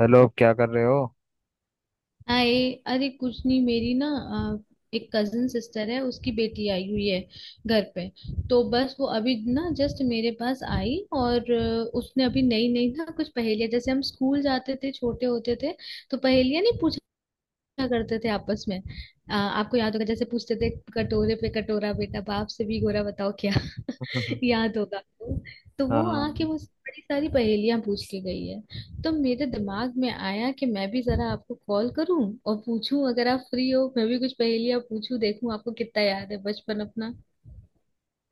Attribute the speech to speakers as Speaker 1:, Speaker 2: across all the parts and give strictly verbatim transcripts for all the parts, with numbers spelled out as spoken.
Speaker 1: Hello, क्या कर रहे हो?
Speaker 2: आए। अरे कुछ नहीं मेरी ना। अ, एक कजन सिस्टर है उसकी बेटी आई हुई है घर पे। तो बस वो अभी ना जस्ट मेरे पास आई। और अ, उसने अभी नई नई ना कुछ पहेलियां जैसे हम स्कूल जाते थे छोटे होते थे तो पहेलियां नहीं पूछा करते थे आपस में। अ, आपको याद होगा जैसे पूछते थे। कटोरे पे कटोरा बेटा बाप से भी गोरा बताओ क्या। याद होगा आपको। तो वो
Speaker 1: हाँ,
Speaker 2: आके मुझसे बड़ी सारी पहेलियां पूछ के गई है। तो मेरे दिमाग में आया कि मैं भी जरा आपको कॉल करूं और पूछूं अगर आप फ्री हो मैं भी कुछ पहेलियां पूछूं देखूं आपको कितना याद है बचपन अपना।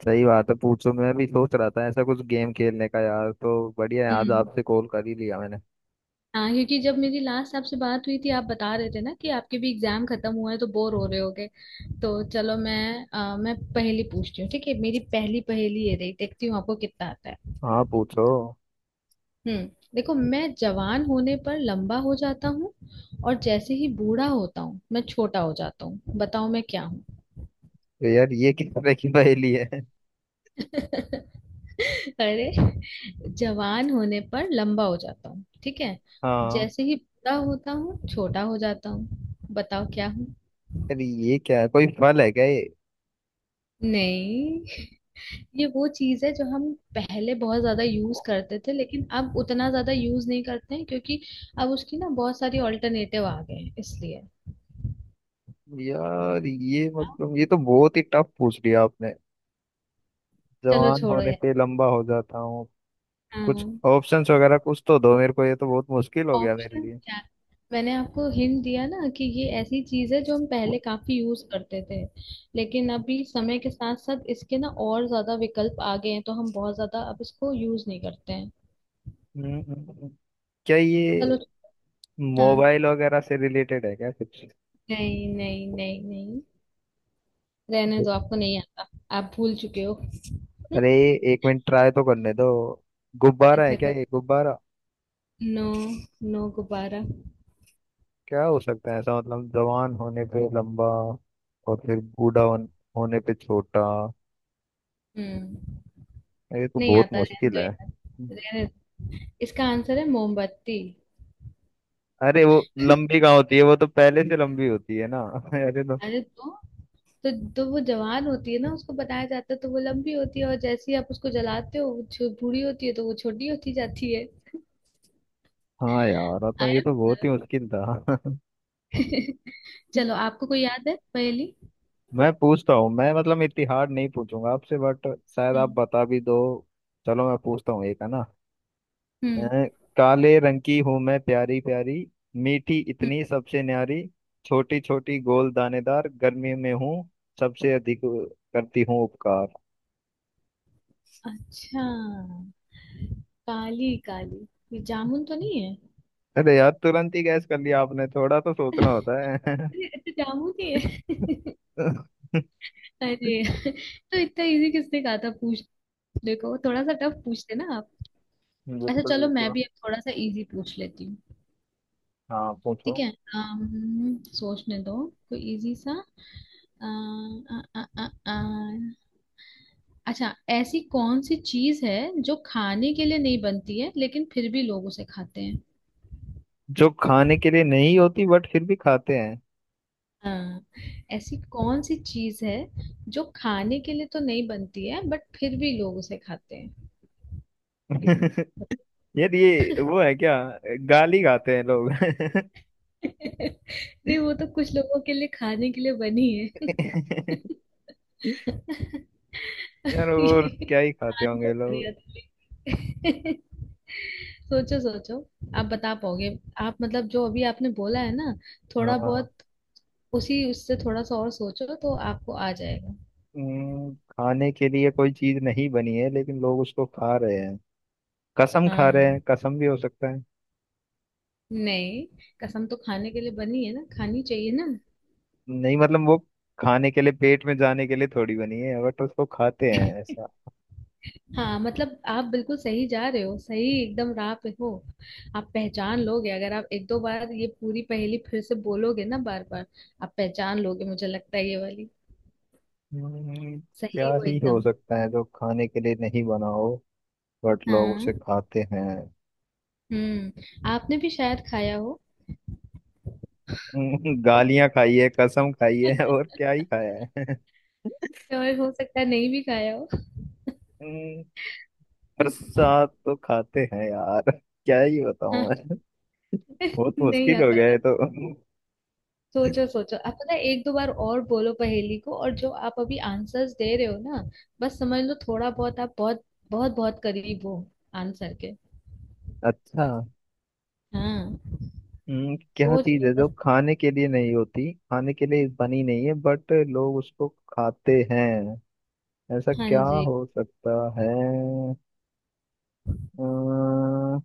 Speaker 1: सही बात है, पूछो। मैं भी सोच रहा था ऐसा कुछ गेम खेलने का, यार। तो बढ़िया है, आज
Speaker 2: हम्म।
Speaker 1: आपसे कॉल कर ही लिया मैंने।
Speaker 2: हाँ क्योंकि जब मेरी लास्ट आपसे बात हुई थी आप बता रहे थे ना कि आपके भी एग्जाम खत्म हुआ है तो बोर हो रहे होगे। तो चलो मैं अ, मैं पहेली पूछती हूँ। ठीक है। मेरी पहली पहेली ये रही। देखती हूँ आपको कितना आता है।
Speaker 1: हाँ, पूछो।
Speaker 2: हम्म। देखो मैं जवान होने पर लंबा हो जाता हूँ और जैसे ही बूढ़ा होता हूँ मैं छोटा हो जाता हूँ। बताओ मैं क्या हूँ।
Speaker 1: तो यार ये किस तरह की पहेली है?
Speaker 2: अरे। जवान होने पर लंबा हो जाता हूँ ठीक है।
Speaker 1: हाँ,
Speaker 2: जैसे ही बूढ़ा होता हूँ छोटा हो जाता हूँ। बताओ क्या हूँ।
Speaker 1: यार ये क्या है? कोई फल है क्या ये?
Speaker 2: नहीं। ये वो चीज है जो हम पहले बहुत ज्यादा यूज करते थे लेकिन अब उतना ज्यादा यूज नहीं करते हैं क्योंकि अब उसकी ना बहुत सारी ऑल्टरनेटिव आ गए हैं इसलिए।
Speaker 1: यार ये मतलब ये तो बहुत ही टफ पूछ लिया आपने।
Speaker 2: चलो
Speaker 1: जवान
Speaker 2: छोड़ो
Speaker 1: होने
Speaker 2: यार।
Speaker 1: पे लंबा हो जाता हूँ। कुछ
Speaker 2: हाँ।
Speaker 1: ऑप्शंस वगैरह कुछ तो दो मेरे को, ये तो बहुत मुश्किल हो गया मेरे
Speaker 2: ऑप्शन
Speaker 1: लिए।
Speaker 2: क्या है? मैंने आपको हिंट दिया ना कि ये ऐसी चीज है जो हम
Speaker 1: हम्म,
Speaker 2: पहले काफी यूज करते थे लेकिन अभी समय के साथ साथ इसके ना और ज्यादा विकल्प आ गए हैं तो हम बहुत ज्यादा अब इसको यूज नहीं करते हैं।
Speaker 1: हम्म, हम्म। क्या
Speaker 2: चलो।
Speaker 1: ये
Speaker 2: हाँ।
Speaker 1: मोबाइल वगैरह से रिलेटेड है क्या कुछ?
Speaker 2: नहीं नहीं नहीं नहीं। रहने दो आपको नहीं आता। आप भूल चुके हो। हम्म।
Speaker 1: अरे, एक मिनट, ट्राई तो करने दो। गुब्बारा है
Speaker 2: अच्छा
Speaker 1: क्या?
Speaker 2: कर।
Speaker 1: ये गुब्बारा?
Speaker 2: नो। नो गुब्बारा।
Speaker 1: क्या हो सकता है ऐसा? मतलब जवान होने पे लंबा और फिर बूढ़ा होन- होने पे छोटा।
Speaker 2: हम्म।
Speaker 1: ये तो
Speaker 2: नहीं
Speaker 1: बहुत
Speaker 2: आता रहने
Speaker 1: मुश्किल
Speaker 2: दो
Speaker 1: है।
Speaker 2: यार। रहने दो। इसका आंसर है मोमबत्ती।
Speaker 1: अरे वो लंबी कहाँ होती है? वो तो पहले से लंबी होती है ना। अरे तो
Speaker 2: अरे तो। तो तो वो जवान होती है ना उसको बताया जाता है तो वो लंबी होती है और जैसे ही आप उसको जलाते हो वो छो- बूढ़ी होती है तो वो छोटी होती जाती है।
Speaker 1: हाँ, यार तो ये
Speaker 2: आया
Speaker 1: तो
Speaker 2: मजा?
Speaker 1: बहुत ही मुश्किल था।
Speaker 2: चलो आपको कोई याद है पहेली।
Speaker 1: मैं पूछता हूँ। मैं मतलब इतनी हार्ड नहीं पूछूंगा आपसे, बट शायद आप
Speaker 2: हम्म
Speaker 1: बता भी दो। चलो मैं पूछता हूँ, एक है ना। अ,
Speaker 2: हम्म
Speaker 1: काले रंग की हूं मैं प्यारी प्यारी, मीठी
Speaker 2: हम्म।
Speaker 1: इतनी सबसे न्यारी। छोटी छोटी गोल दानेदार, गर्मी में हूँ सबसे अधिक करती हूँ उपकार।
Speaker 2: अच्छा। काली काली। ये जामुन तो नहीं है।
Speaker 1: अरे यार, तुरंत ही गैस कर लिया आपने, थोड़ा तो सोचना होता है।
Speaker 2: अरे अच्छा जामुन ही है।
Speaker 1: बिल्कुल।
Speaker 2: अरे तो इतना इजी किसने कहा था पूछ। देखो थोड़ा सा टफ पूछते ना आप। अच्छा चलो मैं
Speaker 1: बिल्कुल,
Speaker 2: भी अब थोड़ा सा इजी पूछ लेती हूँ।
Speaker 1: हाँ पूछो।
Speaker 2: ठीक है। अम्म, सोचने दो कोई इजी सा। अ, अ, अ, अ, अ। अच्छा ऐसी कौन सी चीज है जो खाने के लिए नहीं बनती है लेकिन फिर भी लोग उसे खाते हैं।
Speaker 1: जो खाने के लिए नहीं होती बट फिर भी खाते हैं?
Speaker 2: हाँ। ऐसी कौन सी चीज है जो खाने के लिए तो नहीं बनती है बट फिर भी लोग उसे खाते हैं।
Speaker 1: यार ये वो है क्या, गाली खाते हैं लोग?
Speaker 2: नहीं वो तो कुछ लोगों के लिए खाने के लिए बनी है। ये।
Speaker 1: यार और क्या ही खाते
Speaker 2: आंसर
Speaker 1: होंगे लोग।
Speaker 2: बढ़िया था लेकिन। सोचो सोचो। आप बता पाओगे। आप मतलब जो अभी आपने बोला है ना थोड़ा
Speaker 1: हाँ।
Speaker 2: बहुत उसी उससे थोड़ा सा और सोचो तो आपको आ जाएगा।
Speaker 1: हम्म, खाने के लिए कोई चीज नहीं बनी है लेकिन लोग उसको खा रहे हैं। कसम खा रहे हैं,
Speaker 2: हाँ।
Speaker 1: कसम भी हो सकता है।
Speaker 2: नहीं। कसम तो खाने के लिए बनी है ना खानी चाहिए ना।
Speaker 1: नहीं मतलब वो खाने के लिए, पेट में जाने के लिए थोड़ी बनी है बट उसको खाते हैं ऐसा।
Speaker 2: हाँ मतलब आप बिल्कुल सही जा रहे हो सही एकदम राह पे हो। आप पहचान लोगे अगर आप एक दो बार ये पूरी पहेली फिर से बोलोगे ना बार बार। आप पहचान लोगे मुझे लगता है ये वाली।
Speaker 1: हम्म, क्या
Speaker 2: सही हो
Speaker 1: ही हो
Speaker 2: एकदम।
Speaker 1: सकता है जो खाने के लिए नहीं बना हो बट लोग उसे
Speaker 2: हाँ।
Speaker 1: खाते हैं?
Speaker 2: हम्म आपने भी शायद खाया हो।
Speaker 1: हम्म, गालियां खाई है, कसम खाई है, और क्या ही खाया है?
Speaker 2: और हो सकता है नहीं भी खाया हो।
Speaker 1: हम्म, पर साथ तो खाते हैं यार। क्या ही बताऊं
Speaker 2: हाँ।
Speaker 1: मैं, बहुत
Speaker 2: नहीं
Speaker 1: मुश्किल हो
Speaker 2: आता
Speaker 1: गया
Speaker 2: ना।
Speaker 1: है तो।
Speaker 2: सोचो सोचो आप पता है एक दो बार और बोलो पहेली को और जो आप अभी आंसर्स दे रहे हो ना बस समझ लो थोड़ा बहुत आप बहुत बहुत बहुत करीब हो आंसर के।
Speaker 1: अच्छा।
Speaker 2: हाँ।
Speaker 1: हम्म, क्या
Speaker 2: सोच
Speaker 1: चीज
Speaker 2: लो
Speaker 1: है जो
Speaker 2: बस।
Speaker 1: खाने के लिए नहीं होती, खाने के लिए बनी नहीं है बट लोग उसको खाते हैं? ऐसा
Speaker 2: हाँ
Speaker 1: क्या
Speaker 2: जी।
Speaker 1: हो सकता है? अम्म,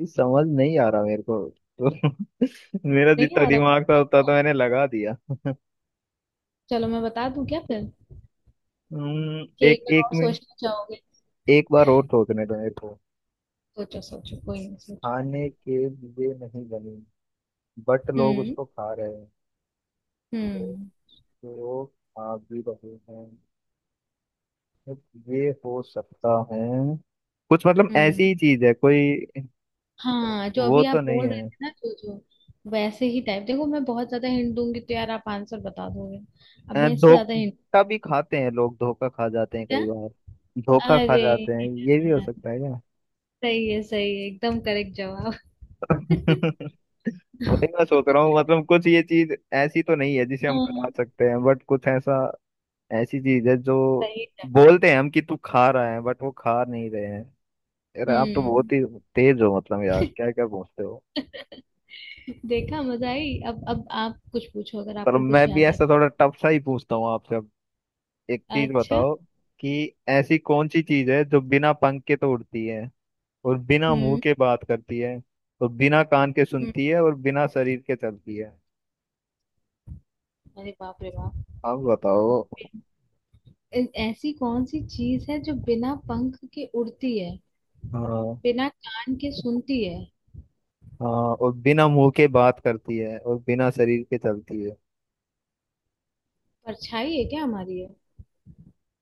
Speaker 1: ये समझ नहीं आ रहा मेरे को तो। मेरा
Speaker 2: नहीं
Speaker 1: जितना
Speaker 2: आ रहा
Speaker 1: दिमाग था उतना
Speaker 2: पक्का?
Speaker 1: तो मैंने लगा दिया।
Speaker 2: चलो मैं बता दूं क्या फिर
Speaker 1: हम्म,
Speaker 2: कि एक
Speaker 1: एक
Speaker 2: बार
Speaker 1: एक
Speaker 2: और
Speaker 1: मिनट।
Speaker 2: सोचना चाहोगे।
Speaker 1: एक बार और सोचने दो मेरे को।
Speaker 2: सोचो सोचो कोई नहीं सोचो।
Speaker 1: खाने के लिए नहीं बनी बट लोग
Speaker 2: हम्म
Speaker 1: उसको खा रहे हैं तो,
Speaker 2: हम्म
Speaker 1: तो खा भी रहे हैं। ये हो सकता है कुछ, मतलब ऐसी
Speaker 2: हम्म।
Speaker 1: ही चीज है कोई?
Speaker 2: हाँ जो
Speaker 1: वो
Speaker 2: अभी
Speaker 1: तो
Speaker 2: आप
Speaker 1: नहीं
Speaker 2: बोल
Speaker 1: है।
Speaker 2: रहे थे ना जो जो वैसे ही टाइप देखो मैं बहुत ज्यादा हिंट दूंगी तो यार आप आंसर बता दोगे। अब
Speaker 1: अ,
Speaker 2: मैं इससे ज्यादा हिंट।
Speaker 1: धोखा भी खाते हैं लोग, धोखा खा जाते हैं
Speaker 2: क्या।
Speaker 1: कई बार। धोखा खा
Speaker 2: अरे
Speaker 1: जाते हैं, ये भी हो सकता है क्या?
Speaker 2: सही है सही है एकदम करेक्ट जवाब।
Speaker 1: वही मैं सोच रहा हूँ, मतलब कुछ ये चीज ऐसी तो नहीं है जिसे हम खा
Speaker 2: हाँ।
Speaker 1: सकते हैं, बट कुछ ऐसा, ऐसी चीज है जो,
Speaker 2: सही जवाब।
Speaker 1: बोलते हैं हम कि तू खा रहा है बट वो खा नहीं रहे हैं। यार आप तो बहुत
Speaker 2: हम्म।
Speaker 1: ही तेज हो, मतलब यार क्या क्या पूछते हो।
Speaker 2: देखा मजा आई। अब अब आप कुछ पूछो अगर
Speaker 1: पर
Speaker 2: आपको कुछ
Speaker 1: मैं भी
Speaker 2: याद है।
Speaker 1: ऐसा थोड़ा टफ सा ही पूछता हूँ आपसे। एक चीज
Speaker 2: अच्छा।
Speaker 1: बताओ कि ऐसी कौन सी चीज है जो बिना पंख के तो उड़ती है, और बिना मुंह
Speaker 2: हम्म।
Speaker 1: के बात करती है, और बिना कान के
Speaker 2: हम्म।
Speaker 1: सुनती है, और बिना शरीर के चलती है।
Speaker 2: अरे बाप रे बाप।
Speaker 1: अब बताओ।
Speaker 2: ऐ- ऐसी कौन सी चीज है जो बिना पंख के उड़ती है।
Speaker 1: हाँ।
Speaker 2: बिना कान के सुनती है।
Speaker 1: हाँ, और बिना मुंह के बात करती है और बिना शरीर के चलती है।
Speaker 2: परछाई है क्या हमारी।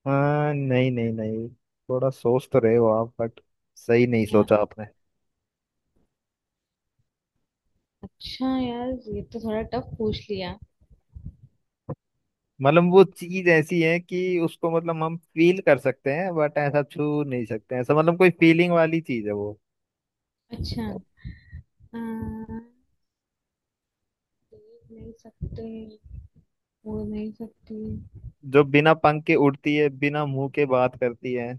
Speaker 1: हाँ, नहीं नहीं नहीं। थोड़ा सोच तो रहे हो आप, बट सही नहीं
Speaker 2: है।
Speaker 1: सोचा आपने।
Speaker 2: अच्छा यार ये तो थोड़ा टफ पूछ लिया।
Speaker 1: मतलब वो चीज ऐसी है कि उसको, मतलब हम फील कर सकते हैं बट ऐसा छू नहीं सकते। ऐसा मतलब कोई फीलिंग वाली चीज है वो।
Speaker 2: अच्छा। हाँ, देख नहीं सकते बोल नहीं सकते।
Speaker 1: जो बिना पंख के उड़ती है, बिना मुंह के बात करती है,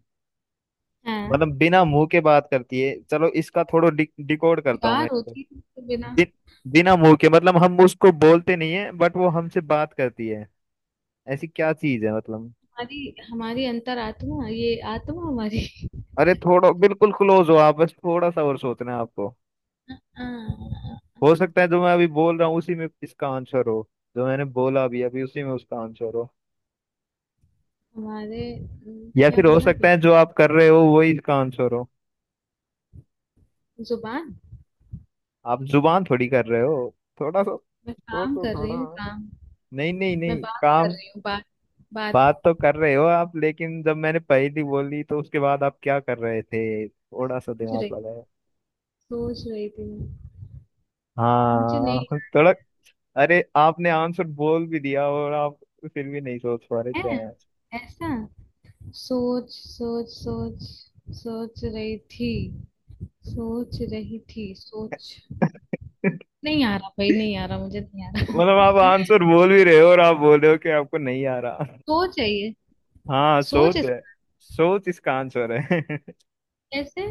Speaker 2: हाँ।
Speaker 1: मतलब बिना मुंह के बात करती है। चलो इसका थोड़ा डि, डिकोड करता हूँ मैं
Speaker 2: बेकार
Speaker 1: इसको।
Speaker 2: होती है इसके बिना।
Speaker 1: बि, बिना मुंह के मतलब हम उसको बोलते नहीं है बट वो हमसे बात करती है। ऐसी क्या चीज है मतलब?
Speaker 2: हमारी हमारी अंतरात्मा ये आत्मा हमारी।
Speaker 1: अरे थोड़ा बिल्कुल क्लोज हो आप, बस थोड़ा सा और सोचना है आपको।
Speaker 2: आ,
Speaker 1: हो सकता है जो मैं अभी बोल रहा हूँ उसी में इसका आंसर हो। जो मैंने बोला अभी अभी उसी में उसका आंसर हो।
Speaker 2: हमारे अम,
Speaker 1: या
Speaker 2: क्या
Speaker 1: फिर हो
Speaker 2: बोला
Speaker 1: सकता
Speaker 2: भैया।
Speaker 1: है जो आप कर रहे हो वही इसका आंसर हो।
Speaker 2: जुबान।
Speaker 1: आप जुबान थोड़ी कर रहे हो? थोड़ा सा
Speaker 2: मैं काम
Speaker 1: सोचो,
Speaker 2: कर रही
Speaker 1: थोड़ा।
Speaker 2: हूँ काम।
Speaker 1: नहीं नहीं
Speaker 2: मैं
Speaker 1: नहीं,
Speaker 2: बात कर
Speaker 1: काम।
Speaker 2: रही हूँ बात। बात।
Speaker 1: बात तो कर रहे हो आप, लेकिन जब मैंने पहली बोली तो उसके बाद आप क्या कर रहे थे, थोड़ा सा
Speaker 2: सोच रही।
Speaker 1: दिमाग लगाया?
Speaker 2: सोच रही थी मैं। मुझे नहीं।
Speaker 1: हाँ, थोड़ा। अरे आपने आंसर बोल भी दिया और आप फिर भी नहीं सोच पा रहे क्या
Speaker 2: है।
Speaker 1: है
Speaker 2: ऐसा। सोच सोच सोच। सोच रही थी। सोच रही थी सोच।
Speaker 1: आंसर।
Speaker 2: नहीं आ रहा भाई नहीं आ
Speaker 1: मतलब
Speaker 2: रहा मुझे नहीं आ
Speaker 1: आप
Speaker 2: रहा।
Speaker 1: आंसर बोल भी रहे हो और आप बोल रहे हो कि आपको नहीं आ रहा।
Speaker 2: सोच है ये।
Speaker 1: हाँ,
Speaker 2: सोच
Speaker 1: सोच
Speaker 2: इस-
Speaker 1: है। सोच इसका आंसर है।
Speaker 2: कैसे।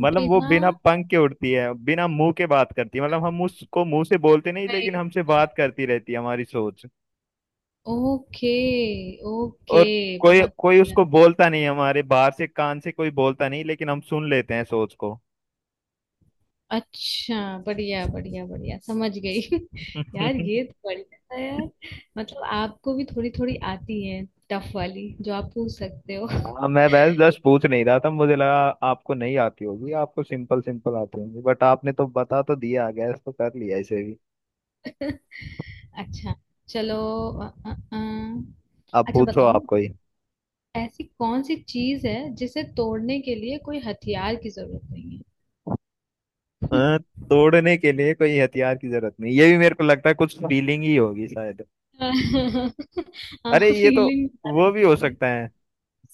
Speaker 1: मतलब वो
Speaker 2: बिना।
Speaker 1: बिना पंख के उड़ती है, बिना मुंह के बात करती है, मतलब हम उसको मुंह से बोलते नहीं लेकिन
Speaker 2: गई।
Speaker 1: हमसे बात करती रहती है हमारी सोच।
Speaker 2: ओके। ओके।
Speaker 1: और कोई
Speaker 2: बहुत
Speaker 1: कोई
Speaker 2: बढ़िया।
Speaker 1: उसको बोलता नहीं हमारे, बाहर से कान से कोई बोलता नहीं, लेकिन हम सुन लेते हैं सोच को।
Speaker 2: अच्छा बढ़िया बढ़िया बढ़िया समझ गई। यार ये तो बढ़िया था यार। मतलब आपको भी थोड़ी थोड़ी आती है। टफ वाली जो आप पूछ सकते हो।
Speaker 1: हाँ, मैं बस जस्ट पूछ नहीं रहा था, मुझे लगा आपको नहीं आती होगी, आपको सिंपल सिंपल आती होगी। बट आपने तो बता तो दिया, गैस तो कर लिया इसे भी।
Speaker 2: अच्छा चलो। अ, अ, अ,
Speaker 1: अब
Speaker 2: अच्छा
Speaker 1: पूछो
Speaker 2: बताओ।
Speaker 1: आप कोई।
Speaker 2: ऐसी कौन सी चीज है जिसे तोड़ने के लिए कोई हथियार की जरूरत नहीं है।
Speaker 1: अ, तोड़ने के लिए कोई हथियार की जरूरत नहीं? ये भी मेरे को लगता है कुछ फीलिंग ही होगी शायद।
Speaker 2: हाँ
Speaker 1: अरे ये तो,
Speaker 2: फीलिंग।
Speaker 1: वो भी हो सकता है,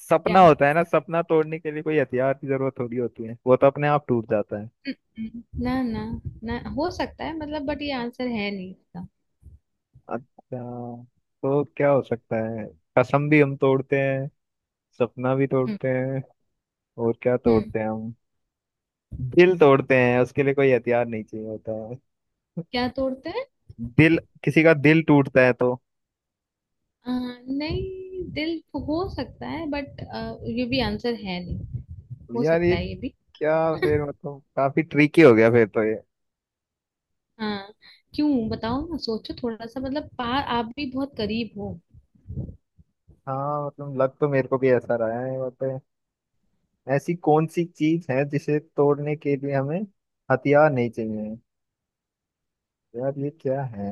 Speaker 1: सपना
Speaker 2: क्या।
Speaker 1: होता है ना। सपना तोड़ने के लिए कोई हथियार की जरूरत थोड़ी होती है, वो तो अपने आप टूट जाता है।
Speaker 2: हम्म। ना ना। ना हो सकता है मतलब बट ये आंसर है नहीं इसका।
Speaker 1: अच्छा, तो क्या हो सकता है? कसम भी हम तोड़ते हैं, सपना भी
Speaker 2: हम्म।
Speaker 1: तोड़ते हैं, और क्या
Speaker 2: हम्म।
Speaker 1: तोड़ते हैं हम? दिल तोड़ते हैं, उसके लिए कोई हथियार नहीं चाहिए होता है।
Speaker 2: क्या तोड़ते हैं।
Speaker 1: दिल, किसी का दिल टूटता है तो।
Speaker 2: अ, नहीं दिल। हो सकता है बट ये भी आंसर है नहीं। हो
Speaker 1: यार
Speaker 2: सकता
Speaker 1: ये
Speaker 2: है ये भी।
Speaker 1: क्या, फिर मतलब काफी ट्रिकी हो गया फिर तो ये।
Speaker 2: हाँ क्यों बताओ ना सोचो थोड़ा सा मतलब पार आप भी बहुत करीब हो।
Speaker 1: हाँ, मतलब लग तो मेरे को भी ऐसा रहा है यहाँ पे। ऐसी कौन सी चीज है जिसे तोड़ने के लिए हमें हथियार नहीं चाहिए? यार ये क्या है?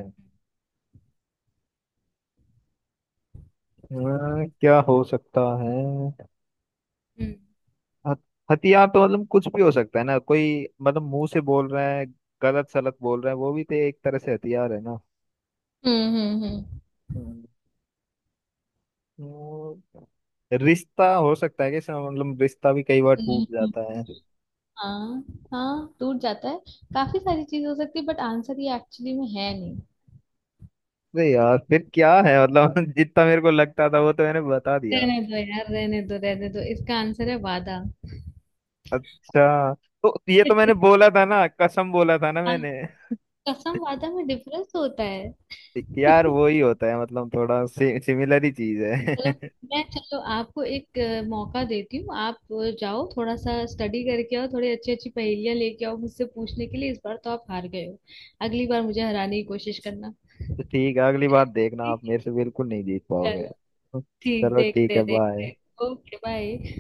Speaker 1: अ, क्या हो सकता है?
Speaker 2: हम्म
Speaker 1: हथ- हथियार तो मतलब कुछ भी हो सकता है ना, कोई मतलब मुंह से बोल रहा है, गलत सलत बोल रहा है, वो भी तो एक तरह से हथियार है ना।
Speaker 2: हम्म हम्म हम्म।
Speaker 1: हम्म। वो रिश्ता हो सकता है कि इसमें, मतलब रिश्ता भी कई बार टूट
Speaker 2: नहीं, हम्म।
Speaker 1: जाता है।
Speaker 2: हाँ। हाँ टूट जाता है। काफी सारी चीज हो सकती है बट आंसर ये एक्चुअली में है नहीं।
Speaker 1: अरे यार फिर क्या है मतलब? जितना मेरे को लगता था वो तो मैंने बता दिया।
Speaker 2: रहने दो यार रहने दो रहने दो इसका आंसर है वादा।
Speaker 1: अच्छा, तो ये तो मैंने बोला था ना, कसम बोला था ना
Speaker 2: हाँ,
Speaker 1: मैंने।
Speaker 2: कसम वादा में डिफरेंस होता है।
Speaker 1: यार वो ही होता है, मतलब थोड़ा सिमिलर ही चीज
Speaker 2: चलो
Speaker 1: है।
Speaker 2: मैं चलो आपको एक अ, मौका देती हूँ। आप अ, जाओ थोड़ा सा स्टडी करके आओ थोड़ी अच्छी अच्छी पहेलियां लेके आओ मुझसे पूछने के लिए। इस बार तो आप हार गए हो। अगली बार मुझे हराने की कोशिश करना।
Speaker 1: तो ठीक है, अगली बार देखना, आप
Speaker 2: ठीक
Speaker 1: मेरे से बिल्कुल नहीं जीत
Speaker 2: है
Speaker 1: पाओगे।
Speaker 2: चलो। ठीक
Speaker 1: चलो ठीक
Speaker 2: देखते
Speaker 1: है, बाय।
Speaker 2: देखते। Okay bye.